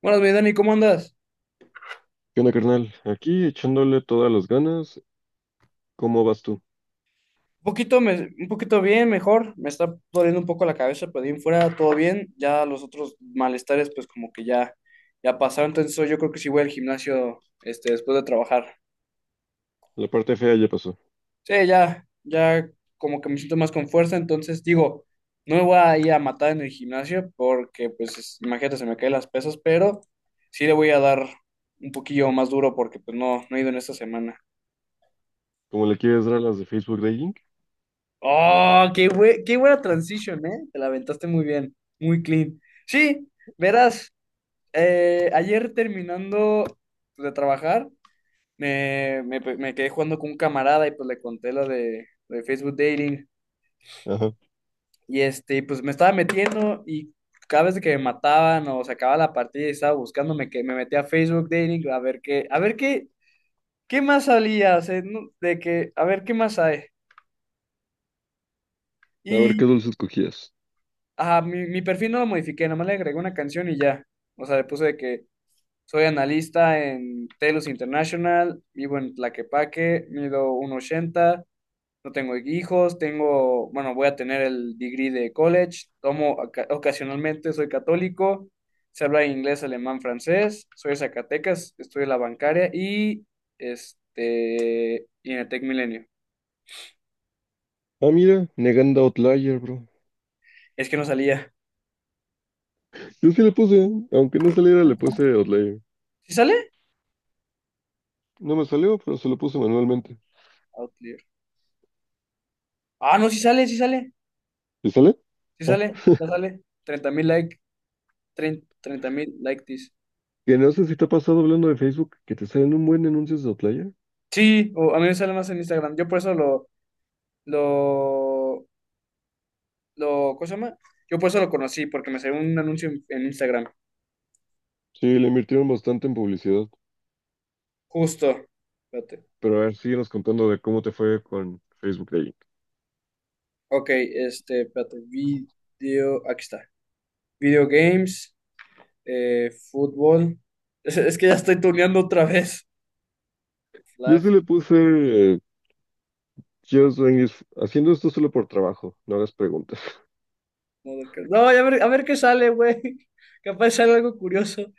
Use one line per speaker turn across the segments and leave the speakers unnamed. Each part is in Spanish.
Buenas, mi Dani, ¿cómo andas?
¿Qué onda, carnal? Aquí echándole todas las ganas. ¿Cómo vas tú?
Un poquito, un poquito bien, mejor. Me está doliendo un poco la cabeza, pero de ahí en fuera todo bien. Ya los otros malestares, pues como que ya pasaron. Entonces yo creo que sí voy al gimnasio, este, después de trabajar.
La parte fea ya pasó.
Sí, ya como que me siento más con fuerza. Entonces digo, no me voy a ir a matar en el gimnasio porque, pues, imagínate, se me caen las pesas, pero sí le voy a dar un poquillo más duro porque, pues, no he ido en esta semana.
¿Cómo le quieres dar a las de Facebook Dating?
Oh, qué buena transition, ¿eh? Te la aventaste muy bien, muy clean. Sí, verás, ayer terminando de trabajar, pues, me quedé jugando con un camarada y pues le conté lo de Facebook Dating.
Ajá.
Y este, pues me estaba metiendo y cada vez que me mataban o se acababa la partida y estaba buscándome, que me metía a Facebook Dating a ver qué, qué más salía, o sea, de que, a ver qué más hay.
A ver qué dulce escogías.
Ajá, mi perfil no lo modifiqué, nomás le agregué una canción y ya. O sea, le puse de que soy analista en Telus International, vivo en Tlaquepaque, mido 1.80. No tengo hijos, tengo, bueno, voy a tener el degree de college, tomo ocasionalmente, soy católico, se habla inglés, alemán, francés, soy de Zacatecas, estoy en la bancaria y este, y en el Tech Milenio.
Ah, mira, negando Outlier, bro.
Es que no salía.
Yo sí le puse, aunque no saliera, le puse Outlier.
¿Sí sale?
No me salió, pero se lo puse manualmente.
Outlier. Ah, no, sí sale, sí sale.
¿Y sale?
Si
Ah.
sale, ya sale. 30,000 like, 30,000 like this.
Que no sé si te ha pasado hablando de Facebook que te salen un buen anuncios de Outlier.
Sí, o a mí me sale más en Instagram. Yo por eso lo, ¿cómo se llama? Yo por eso lo conocí, porque me salió un anuncio en Instagram.
Sí, le invirtieron bastante en publicidad.
Justo. Espérate.
Pero a ver, síguenos contando de cómo te fue con Facebook Dating.
Ok, este, espérate. Video, aquí está. Video games, fútbol. Es que ya estoy tuneando otra vez.
Yo
Flag.
sí le puse Just Dwayne is- haciendo esto solo por trabajo, no hagas preguntas.
No, a ver, qué sale, güey. Capaz sale algo curioso.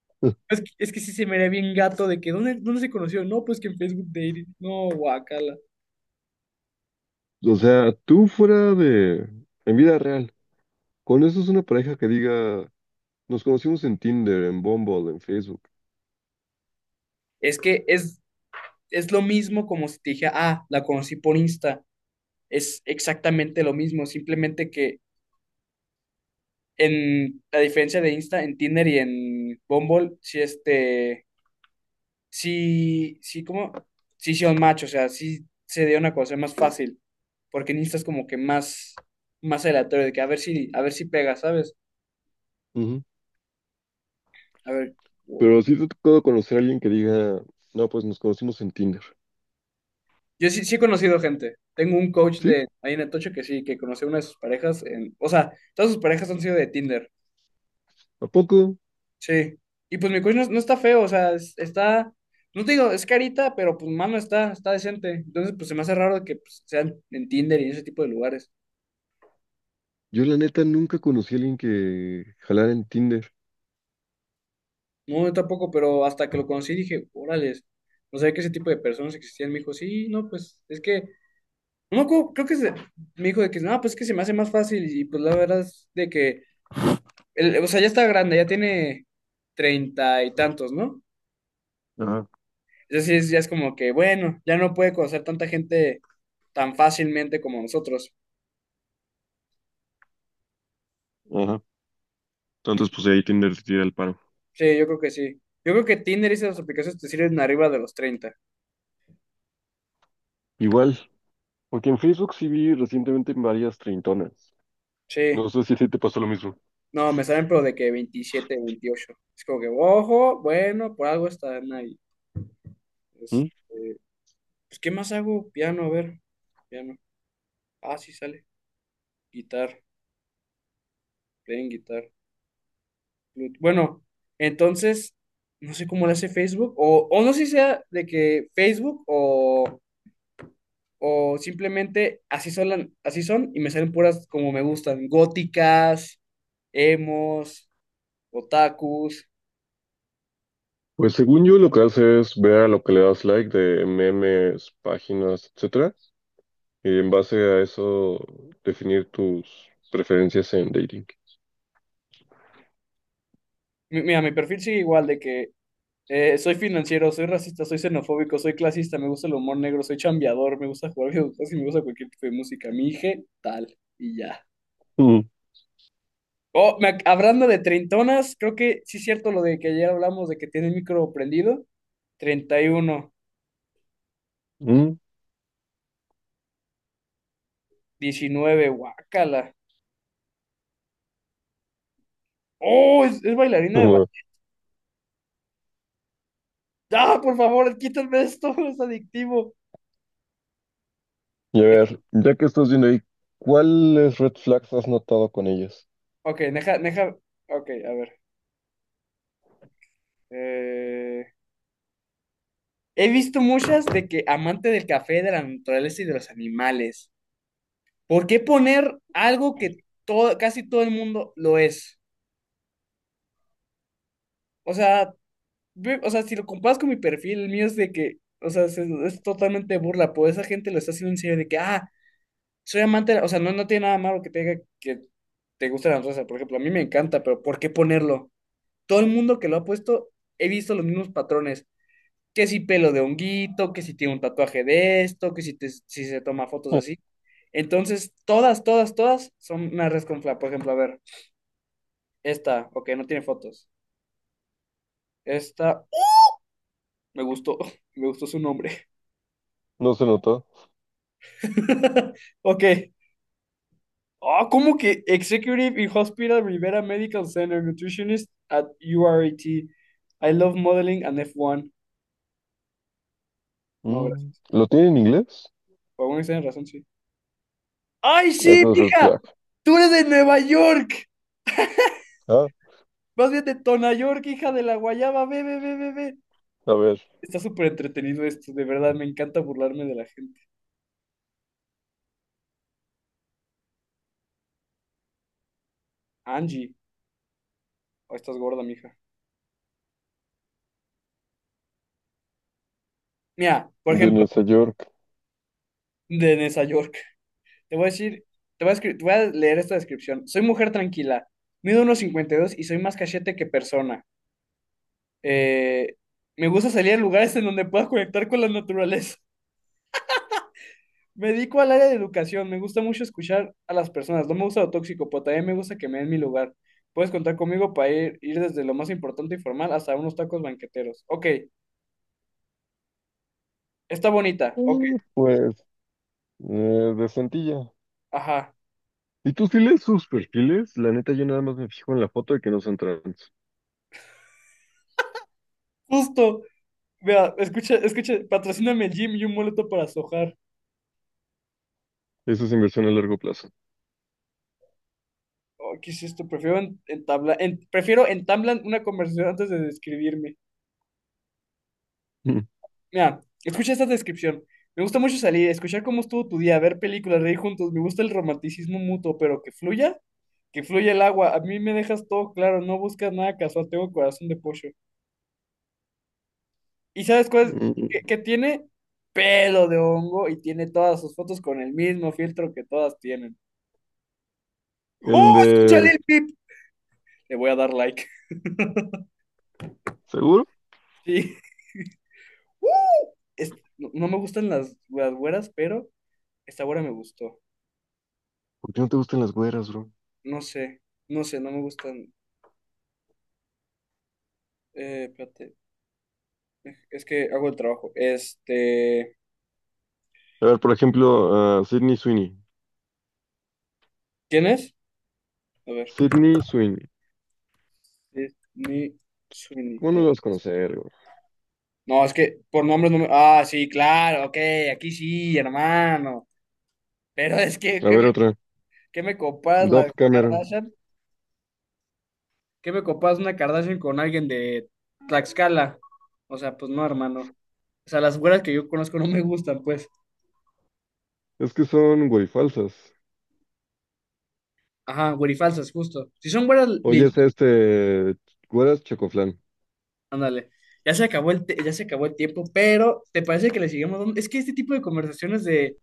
Es que sí se me ve bien gato de que, dónde se conoció? No, pues que en Facebook Dating. No, guacala.
O sea, tú fuera de, en vida real, con eso es una pareja que diga, nos conocimos en Tinder, en Bumble, en Facebook.
Es que es, es lo mismo como si te dije, ah, la conocí por Insta. Es exactamente lo mismo, simplemente que en la diferencia de Insta, en Tinder y en Bumble, sí, este, sí, sí, como, sí, sí, un match, o sea, sí se dio una cosa, es más fácil, porque en Insta es como que más aleatorio, de que a ver si pega, ¿sabes?
Ujú.
A ver,
Pero sí te ha tocado conocer a alguien que diga, no, pues nos conocimos en Tinder.
yo sí, sí he conocido gente. Tengo un coach
¿Sí?
de ahí en Atocha que sí, que conoció una de sus parejas. O sea, todas sus parejas han sido de Tinder.
¿A poco?
Sí. Y pues mi coach no está feo, o sea, está. No te digo, es carita, pero pues mano está, está decente. Entonces, pues se me hace raro que pues, sean en Tinder y en ese tipo de lugares.
Yo la neta nunca conocí a alguien que jalara en Tinder.
No, yo tampoco, pero hasta que lo conocí dije, órales, no sabía que ese tipo de personas existían. Me dijo, sí, no, pues es que. No, me acuerdo, creo que me dijo de que no, pues es que se me hace más fácil. Y pues la verdad es de que o sea, ya está grande, ya tiene treinta y tantos, ¿no?
Ajá,
Es decir, ya es como que, bueno, ya no puede conocer tanta gente tan fácilmente como nosotros.
ajá. Entonces, pues ahí Tinder te tira el paro.
Sí, yo creo que sí. Yo creo que Tinder y esas aplicaciones te sirven arriba de los 30.
Igual, porque en Facebook sí vi recientemente varias treintonas.
Sí.
No sé si a ti te pasó lo mismo.
No, me salen pero de que 27, 28. Es como que, ojo, bueno, por algo están ahí. Este, pues, ¿qué más hago? Piano, a ver. Piano. Ah, sí sale. Guitar, playing guitar. Bueno, entonces, no sé cómo lo hace Facebook, o no sé si sea de que Facebook o simplemente así son, así son y me salen puras como me gustan, góticas, emos, otakus.
Pues según yo lo que hace es ver a lo que le das like de memes, páginas, etcétera, y en base a eso definir tus preferencias en dating.
Mira, mi perfil sigue igual de que soy financiero, soy racista, soy xenofóbico, soy clasista, me gusta el humor negro, soy chambeador, me gusta jugar videojuegos y me gusta cualquier tipo de música. Mi hija, tal, y ya.
Mm,
Oh, hablando de treintonas, creo que sí es cierto lo de que ayer hablamos de que tiene el micro prendido. treinta y uno
mm,
diecinueve guácala. Oh, es bailarina de
ujú.
¡ah, por favor, quítame esto! Es adictivo.
Y a
Es-
ver, ya que estás viendo ahí, ¿cuáles red flags has notado con ellas?
ok, deja, deja. Ok, a ver. Eh, he visto muchas de que amante del café, de la naturaleza y de los animales. ¿Por qué poner algo que casi todo el mundo lo es? O sea, ve, o sea, si lo comparas con mi perfil, el mío es de que, o sea, es totalmente burla, pues esa gente lo está haciendo en serio de que, ah, soy amante, o sea, no tiene nada malo que te diga que te gusta la rosa, por ejemplo, a mí me encanta, pero ¿por qué ponerlo? Todo el mundo que lo ha puesto, he visto los mismos patrones, que si pelo de honguito, que si tiene un tatuaje de esto, que si, te- si se toma fotos
Mm.
así. Entonces, todas, todas, todas son una res con fla. Por ejemplo, a ver, esta, ok, no tiene fotos. Esta, me gustó, me gustó su nombre.
No se notó.
Ok. Ah, ¿cómo que Executive in Hospital Rivera Medical Center Nutritionist at URAT? I love modeling and F1. No,
Mm,
gracias.
¿lo tiene en inglés?
Por alguna extraña razón, sí. ¡Ay, sí,
Eso es red
hija!
flag.
¡Tú eres de Nueva York!
Ah,
Más bien de Tona York, hija de la guayaba. Ve, ve, ve, ve, ve.
a ver,
Está súper entretenido esto, de verdad. Me encanta burlarme de la gente. Angie. Oh, estás gorda, mija. Mira, por
de
ejemplo,
Nueva York.
de Nueva York. Te voy a decir, te voy a leer esta descripción. Soy mujer tranquila, mido unos dos y soy más cachete que persona. Eh, me gusta salir a lugares en donde pueda conectar con la naturaleza. Me dedico al área de educación, me gusta mucho escuchar a las personas. No me gusta lo tóxico, pero también me gusta que me den mi lugar. Puedes contar conmigo para ir desde lo más importante y formal hasta unos tacos banqueteros. Ok, está bonita. Ok,
Mm. Pues, eh, de Santilla.
ajá.
¿Y tú sí lees sus perfiles? La neta, yo nada más me fijo en la foto de que no son trans.
Justo. Vea, escucha, escucha, patrocíname el gym y un boleto para sojar.
Eso es inversión a largo plazo.
Oh, ¿qué es esto? Prefiero en- entablar, en- prefiero entablan una conversación antes de describirme. Mira, escucha esta descripción. Me gusta mucho salir, escuchar cómo estuvo tu día, ver películas, reír juntos. Me gusta el romanticismo mutuo, pero que fluya el agua. A mí me dejas todo claro, no buscas nada casual, tengo corazón de pollo. ¿Y sabes cuál es? Que,
Mm.
que tiene pelo de hongo y tiene todas sus fotos con el mismo filtro que todas tienen. ¡Oh,
El de
escúchale el pip! Le voy a dar like.
seguro,
Sí. No, no me gustan las güeras, pero esta hora me gustó.
¿por qué no te gustan las güeras, bro?
No sé, no sé, no me gustan. Espérate, es que hago el trabajo. Este,
A ver, por ejemplo, a Sydney Sweeney.
¿quién es? A ver,
Sydney Sweeney.
es mi Suni.
¿Cómo
A
no
ver.
las vas a conocer, bro?
No, es que por nombres no me. Ah, sí, claro, ok, aquí sí, hermano. Pero es que,
A ver, otra.
qué me copas la
Dove Cameron.
Kardashian? ¿Qué me copas una Kardashian con alguien de Tlaxcala? O sea, pues no, hermano. O sea, las güeras que yo conozco no me gustan, pues.
Es que son güey falsas.
Ajá, güerifalsas, justo. Si son güeras.
Oye, es este. Güeras Chocoflan.
Ándale. Ya se acabó el tiempo, pero ¿te parece que le sigamos dando? Es que este tipo de conversaciones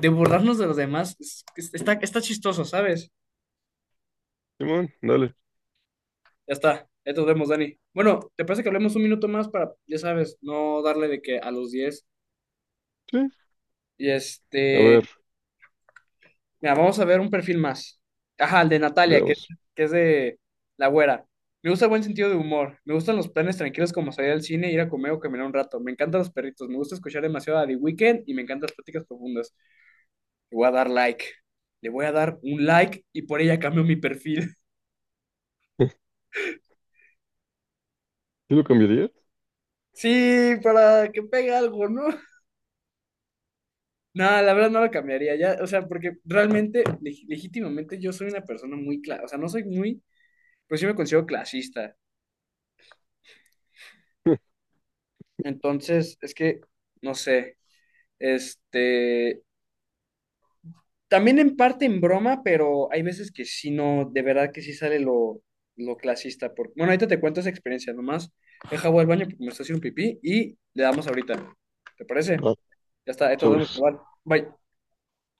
de burlarnos de los demás está, está chistoso, ¿sabes?
Simón, dale.
Ya está, ya nos vemos, Dani. Bueno, ¿te parece que hablemos un minuto más para, ya sabes, no darle de que a los 10?
Sí.
Y
A
este,
ver,
mira, vamos a ver un perfil más. Ajá, el de Natalia,
veamos.
que es de la güera. Me gusta el buen sentido de humor. Me gustan los planes tranquilos como salir al cine, ir a comer o caminar un rato. Me encantan los perritos. Me gusta escuchar demasiado a The Weeknd y me encantan las pláticas profundas. Le voy a dar like. Le voy a dar un like y por ella cambio mi perfil.
¿Sí lo cambiaría?
Sí, para que pegue algo, ¿no? Nada, la verdad no lo cambiaría ya, o sea, porque realmente, legítimamente yo soy una persona muy clara, o sea, no soy muy, pues yo me considero clasista. Entonces, es que, no sé, este, también en parte en broma, pero hay veces que sí, no, de verdad que sí sale lo clasista. Porque, bueno, ahorita te cuento esa experiencia, nomás deja voy al baño porque me está haciendo pipí y le damos ahorita. ¿Te parece?
Va,
Ya está, esto nos
sobres.
vemos, chaval. Bye.